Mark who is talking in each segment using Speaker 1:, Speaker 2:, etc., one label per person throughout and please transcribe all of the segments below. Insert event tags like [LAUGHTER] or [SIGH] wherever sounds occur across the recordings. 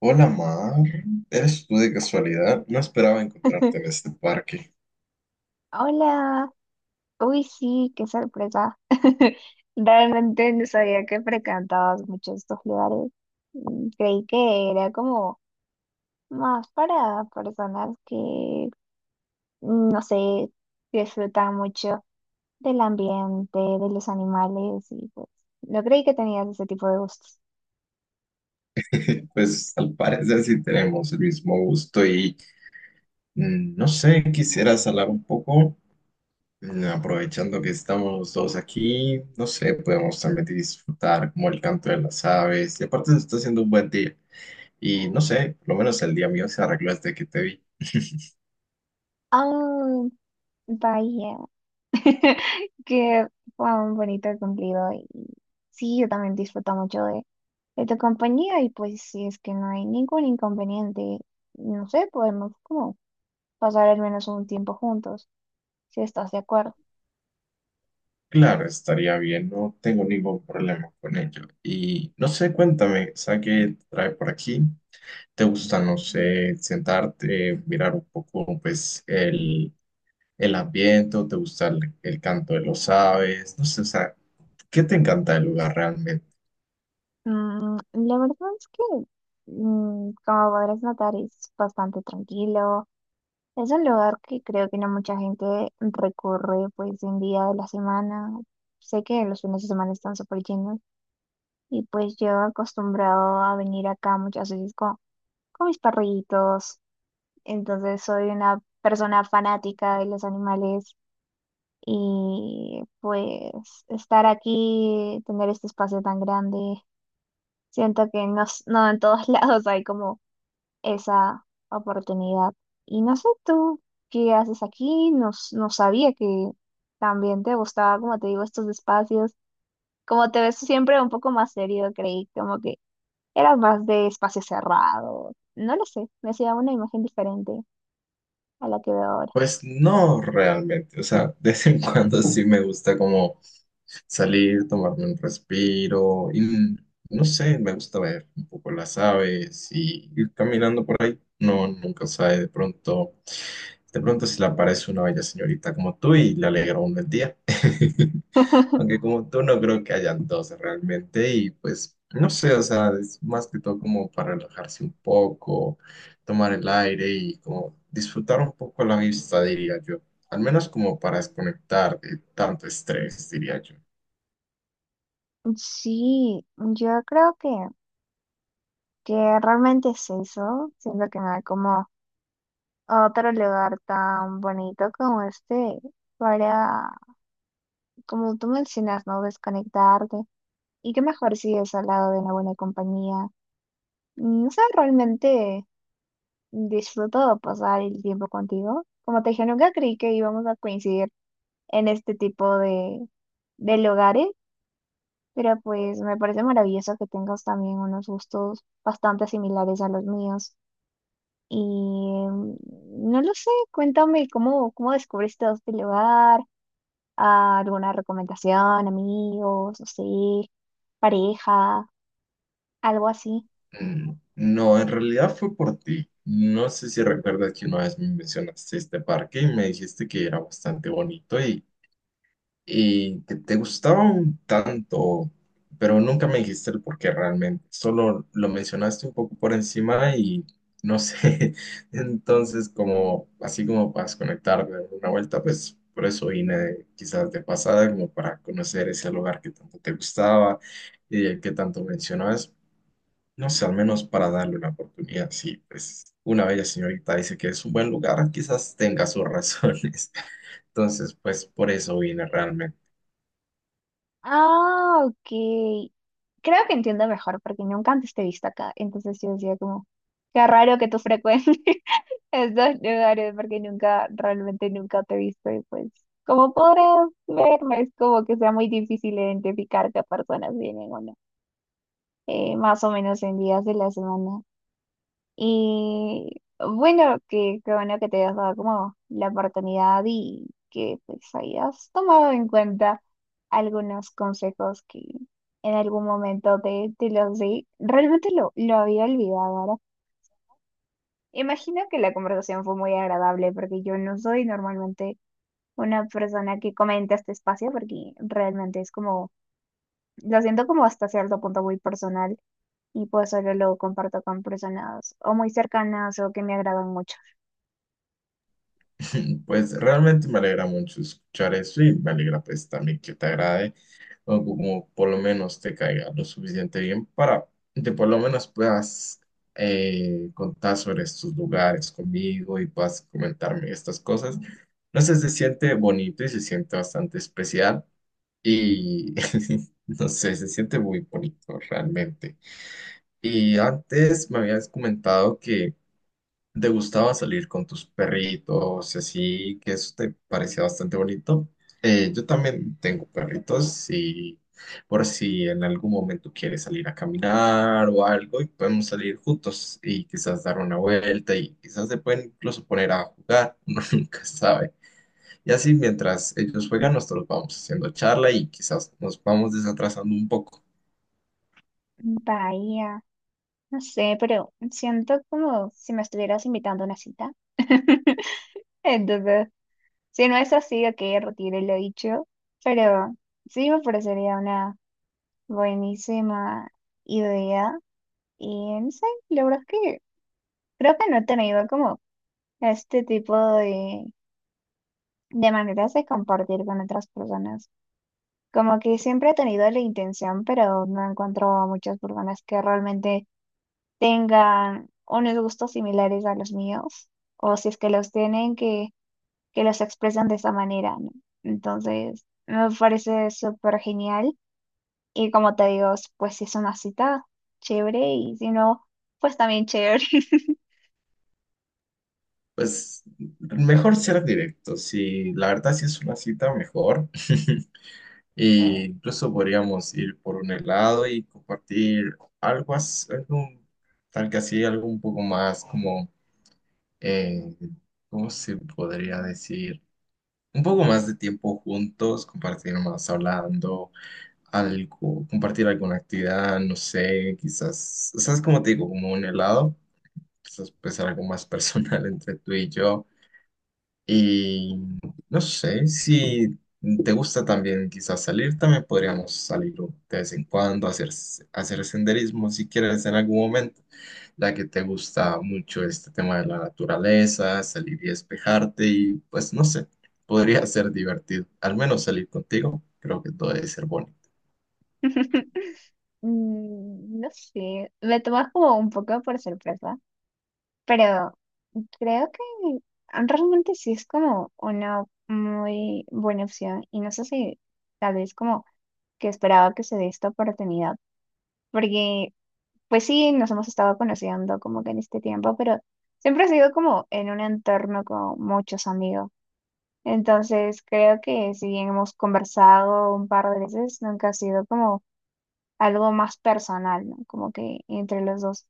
Speaker 1: Hola Mar, ¿eres tú de casualidad? No esperaba encontrarte en este parque.
Speaker 2: Hola, uy sí, qué sorpresa. [LAUGHS] Realmente no sabía que frecuentabas mucho estos lugares. Creí que era como más para personas que, no sé, disfrutan mucho del ambiente, de los animales y pues no creí que tenías ese tipo de gustos.
Speaker 1: [LAUGHS] Pues al parecer sí tenemos el mismo gusto y no sé, quisieras hablar un poco. Aprovechando que estamos los dos aquí, no sé, podemos también disfrutar como el canto de las aves y aparte se está haciendo un buen día y no sé, por lo menos el día mío se arregló desde que te vi.
Speaker 2: Ah, vaya. [LAUGHS] Que fue un bonito cumplido y sí, yo también disfruto mucho de tu compañía y pues si es que no hay ningún inconveniente, no sé, podemos como pasar al menos un tiempo juntos, si estás de acuerdo.
Speaker 1: Claro, estaría bien, no tengo ningún problema con ello. Y no sé, cuéntame, ¿sabes qué te trae por aquí? ¿Te gusta, no sé, sentarte, mirar un poco, pues, el ambiente? ¿O te gusta el canto de los aves? No sé, o sea, ¿qué te encanta del lugar realmente?
Speaker 2: La verdad es que, como podrás notar, es bastante tranquilo. Es un lugar que creo que no mucha gente recurre pues en día de la semana. Sé que los fines de semana están súper llenos. Y pues yo acostumbrado a venir acá muchas veces con mis perritos. Entonces soy una persona fanática de los animales. Y pues estar aquí, tener este espacio tan grande, siento que no, no en todos [LAUGHS] lados hay como esa oportunidad. Y no sé tú qué haces aquí, no, no sabía que también te gustaba, como te digo, estos espacios. Como te ves siempre un poco más serio, creí, como que era más de espacio cerrado. No lo sé, me hacía una imagen diferente a la que veo ahora.
Speaker 1: Pues no realmente, o sea, de vez en cuando sí me gusta como salir, tomarme un respiro y no sé, me gusta ver un poco las aves y ir caminando por ahí. No, nunca sabe, de pronto se le aparece una bella señorita como tú y le alegra un el día. [LAUGHS] Aunque
Speaker 2: [LAUGHS]
Speaker 1: como tú no creo que hayan dos realmente y pues no sé, o sea, es más que todo como para relajarse un poco, tomar el aire y como disfrutar un poco la vista, diría yo. Al menos como para desconectar de tanto estrés, diría yo.
Speaker 2: Sí, yo creo que realmente es eso, siento que no hay como otro lugar tan bonito como este para, como tú mencionas, ¿no? Desconectarte. Y qué mejor si es al lado de una buena compañía. No sé, realmente disfruto pasar el tiempo contigo. Como te dije, nunca creí que íbamos a coincidir en este tipo de lugares, pero pues me parece maravilloso que tengas también unos gustos bastante similares a los míos. Y mm, no lo sé, cuéntame cómo, cómo descubriste este lugar, ah, alguna recomendación, amigos, no sé, pareja, algo así.
Speaker 1: No, en realidad fue por ti. No sé si recuerdas que una vez me mencionaste este parque y me dijiste que era bastante bonito y que te gustaba un tanto, pero nunca me dijiste el por qué realmente. Solo lo mencionaste un poco por encima y no sé. [LAUGHS] Entonces, como así como para desconectar de una vuelta, pues por eso vine quizás de pasada, como para conocer ese lugar que tanto te gustaba y el que tanto mencionabas. No sé, al menos para darle una oportunidad. Sí, pues una bella señorita dice que es un buen lugar, quizás tenga sus razones. [LAUGHS] Entonces, pues por eso vine realmente.
Speaker 2: Ah, ok. Creo que entiendo mejor porque nunca antes te he visto acá. Entonces yo decía como, qué raro que tú frecuentes [LAUGHS] estos lugares porque nunca, realmente nunca te he visto y pues, como podrás verme, es como que sea muy difícil identificar qué personas vienen o no. Más o menos en días de la semana. Y bueno, que qué bueno que te hayas dado como la oportunidad y que pues hayas tomado en cuenta algunos consejos que en algún momento te, te los di. Realmente lo había olvidado ahora. Imagino que la conversación fue muy agradable porque yo no soy normalmente una persona que comenta este espacio porque realmente es como, lo siento como hasta cierto punto muy personal y pues solo lo comparto con personas o muy cercanas o que me agradan mucho.
Speaker 1: [LAUGHS] Pues realmente me alegra mucho escuchar eso y me alegra pues también que te agrade o como por lo menos te caiga lo suficiente bien para que por lo menos puedas contar sobre estos lugares conmigo y puedas comentarme estas cosas. No sé, se siente bonito y se siente bastante especial y [LAUGHS] no sé, se siente muy bonito realmente. Y antes me habías comentado que ¿te gustaba salir con tus perritos y así, que eso te parecía bastante bonito? Yo también tengo perritos y por si en algún momento quieres salir a caminar o algo y podemos salir juntos y quizás dar una vuelta y quizás se pueden incluso poner a jugar, [LAUGHS] uno nunca sabe. Y así mientras ellos juegan, nosotros vamos haciendo charla y quizás nos vamos desatrasando un poco.
Speaker 2: Bahía, no sé, pero siento como si me estuvieras invitando a una cita. [LAUGHS] Entonces, si no es así, ok, retire lo dicho, pero sí me parecería una buenísima idea. Y no sé, la verdad es que creo que no he tenido como este tipo de maneras de compartir con otras personas. Como que siempre he tenido la intención, pero no encuentro a muchas personas que realmente tengan unos gustos similares a los míos, o si es que los tienen, que los expresan de esa manera, ¿no? Entonces, me parece súper genial. Y como te digo, pues si es una cita, chévere, y si no, pues también chévere.
Speaker 1: Pues mejor ser directo, si la verdad si es una cita, mejor. [LAUGHS] E incluso podríamos ir por un helado y compartir algo, algo tal que así, algo un poco más como, eh, ¿cómo se podría decir? Un poco más de tiempo juntos, compartir más hablando, algo, compartir alguna actividad, no sé, quizás, ¿sabes cómo te digo? Como un helado, quizás pues algo más personal [LAUGHS] entre tú y yo y no sé, si te gusta también quizás salir, también podríamos salir de vez en cuando, hacer senderismo si quieres en algún momento, ya que te gusta mucho este tema de la naturaleza, salir y despejarte y pues no sé, podría ser divertido. Al menos salir contigo, creo que todo debe ser bonito.
Speaker 2: [LAUGHS] No sé, me tomas como un poco por sorpresa, pero creo que realmente sí es como una muy buena opción y no sé si tal vez como que esperaba que se dé esta oportunidad. Porque, pues sí, nos hemos estado conociendo como que en este tiempo, pero siempre ha sido como en un entorno con muchos amigos. Entonces, creo que si bien hemos conversado un par de veces, nunca ha sido como algo más personal, ¿no? Como que entre los dos.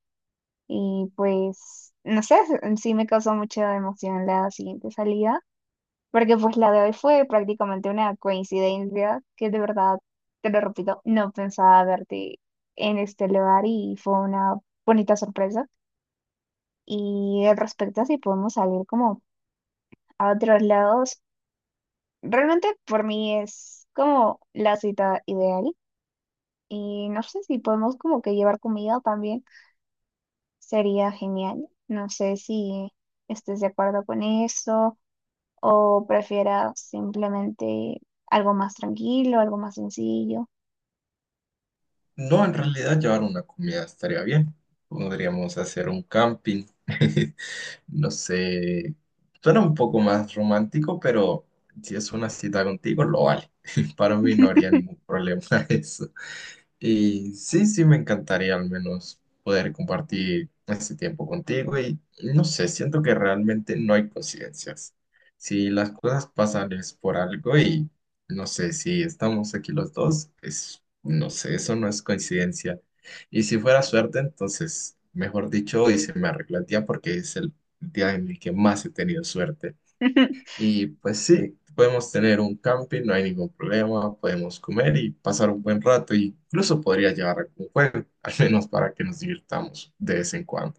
Speaker 2: Y pues, no sé, sí me causó mucha emoción la siguiente salida. Porque pues la de hoy fue prácticamente una coincidencia que de verdad, te lo repito, no pensaba verte en este lugar y fue una bonita sorpresa. Y al respecto a si podemos salir como a otros lados, realmente por mí es como la cita ideal. Y no sé si podemos como que llevar comida también, sería genial. No sé si estés de acuerdo con eso o prefieras simplemente algo más tranquilo, algo más sencillo.
Speaker 1: No, en realidad llevar una comida estaría bien. Podríamos hacer un camping. [LAUGHS] No sé, suena un poco más romántico, pero si es una cita contigo, lo vale. [LAUGHS] Para mí no haría ningún problema [LAUGHS] eso. Y sí, sí, me encantaría al menos poder compartir este tiempo contigo y no sé, siento que realmente no hay coincidencias. Si las cosas pasan es por algo y no sé, si estamos aquí los dos, es, no sé, eso no es coincidencia. Y si fuera suerte, entonces, mejor dicho, hoy se me arregla el día porque es el día en el que más he tenido suerte.
Speaker 2: [LAUGHS]
Speaker 1: Y pues sí, podemos tener un camping, no hay ningún problema, podemos comer y pasar un buen rato, y incluso podría llevar algún juego, [LAUGHS] al menos para que nos divirtamos de vez en cuando.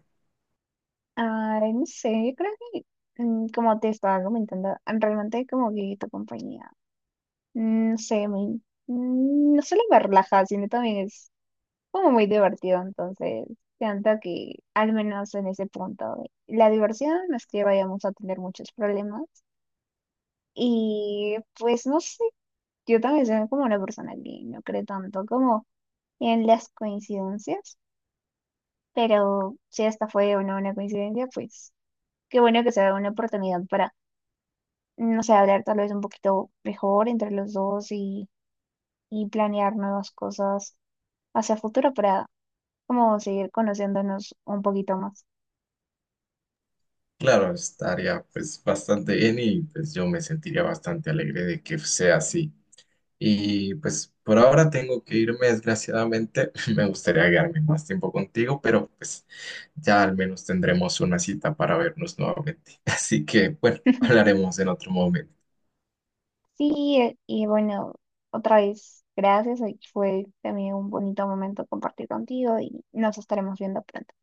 Speaker 2: Ay, no sé, yo creo que como te estaba comentando, realmente como que tu compañía, no sé, no solo me relaja, sino también es como muy divertido, entonces siento que al menos en ese punto, la diversión no es que vayamos a tener muchos problemas y pues no sé, yo también soy como una persona que no cree tanto como en las coincidencias. Pero si esta fue o no una coincidencia, pues qué bueno que se da una oportunidad para, no sé, hablar tal vez un poquito mejor entre los dos y planear nuevas cosas hacia futuro para como seguir conociéndonos un poquito más.
Speaker 1: Claro, estaría pues bastante bien y pues yo me sentiría bastante alegre de que sea así. Y pues por ahora tengo que irme, desgraciadamente. [LAUGHS] Me gustaría quedarme más tiempo contigo, pero pues ya al menos tendremos una cita para vernos nuevamente. [LAUGHS] Así que bueno,
Speaker 2: [LAUGHS]
Speaker 1: hablaremos en otro momento.
Speaker 2: Sí, y bueno, otra vez, gracias. Hoy fue también un bonito momento compartir contigo y nos estaremos viendo pronto.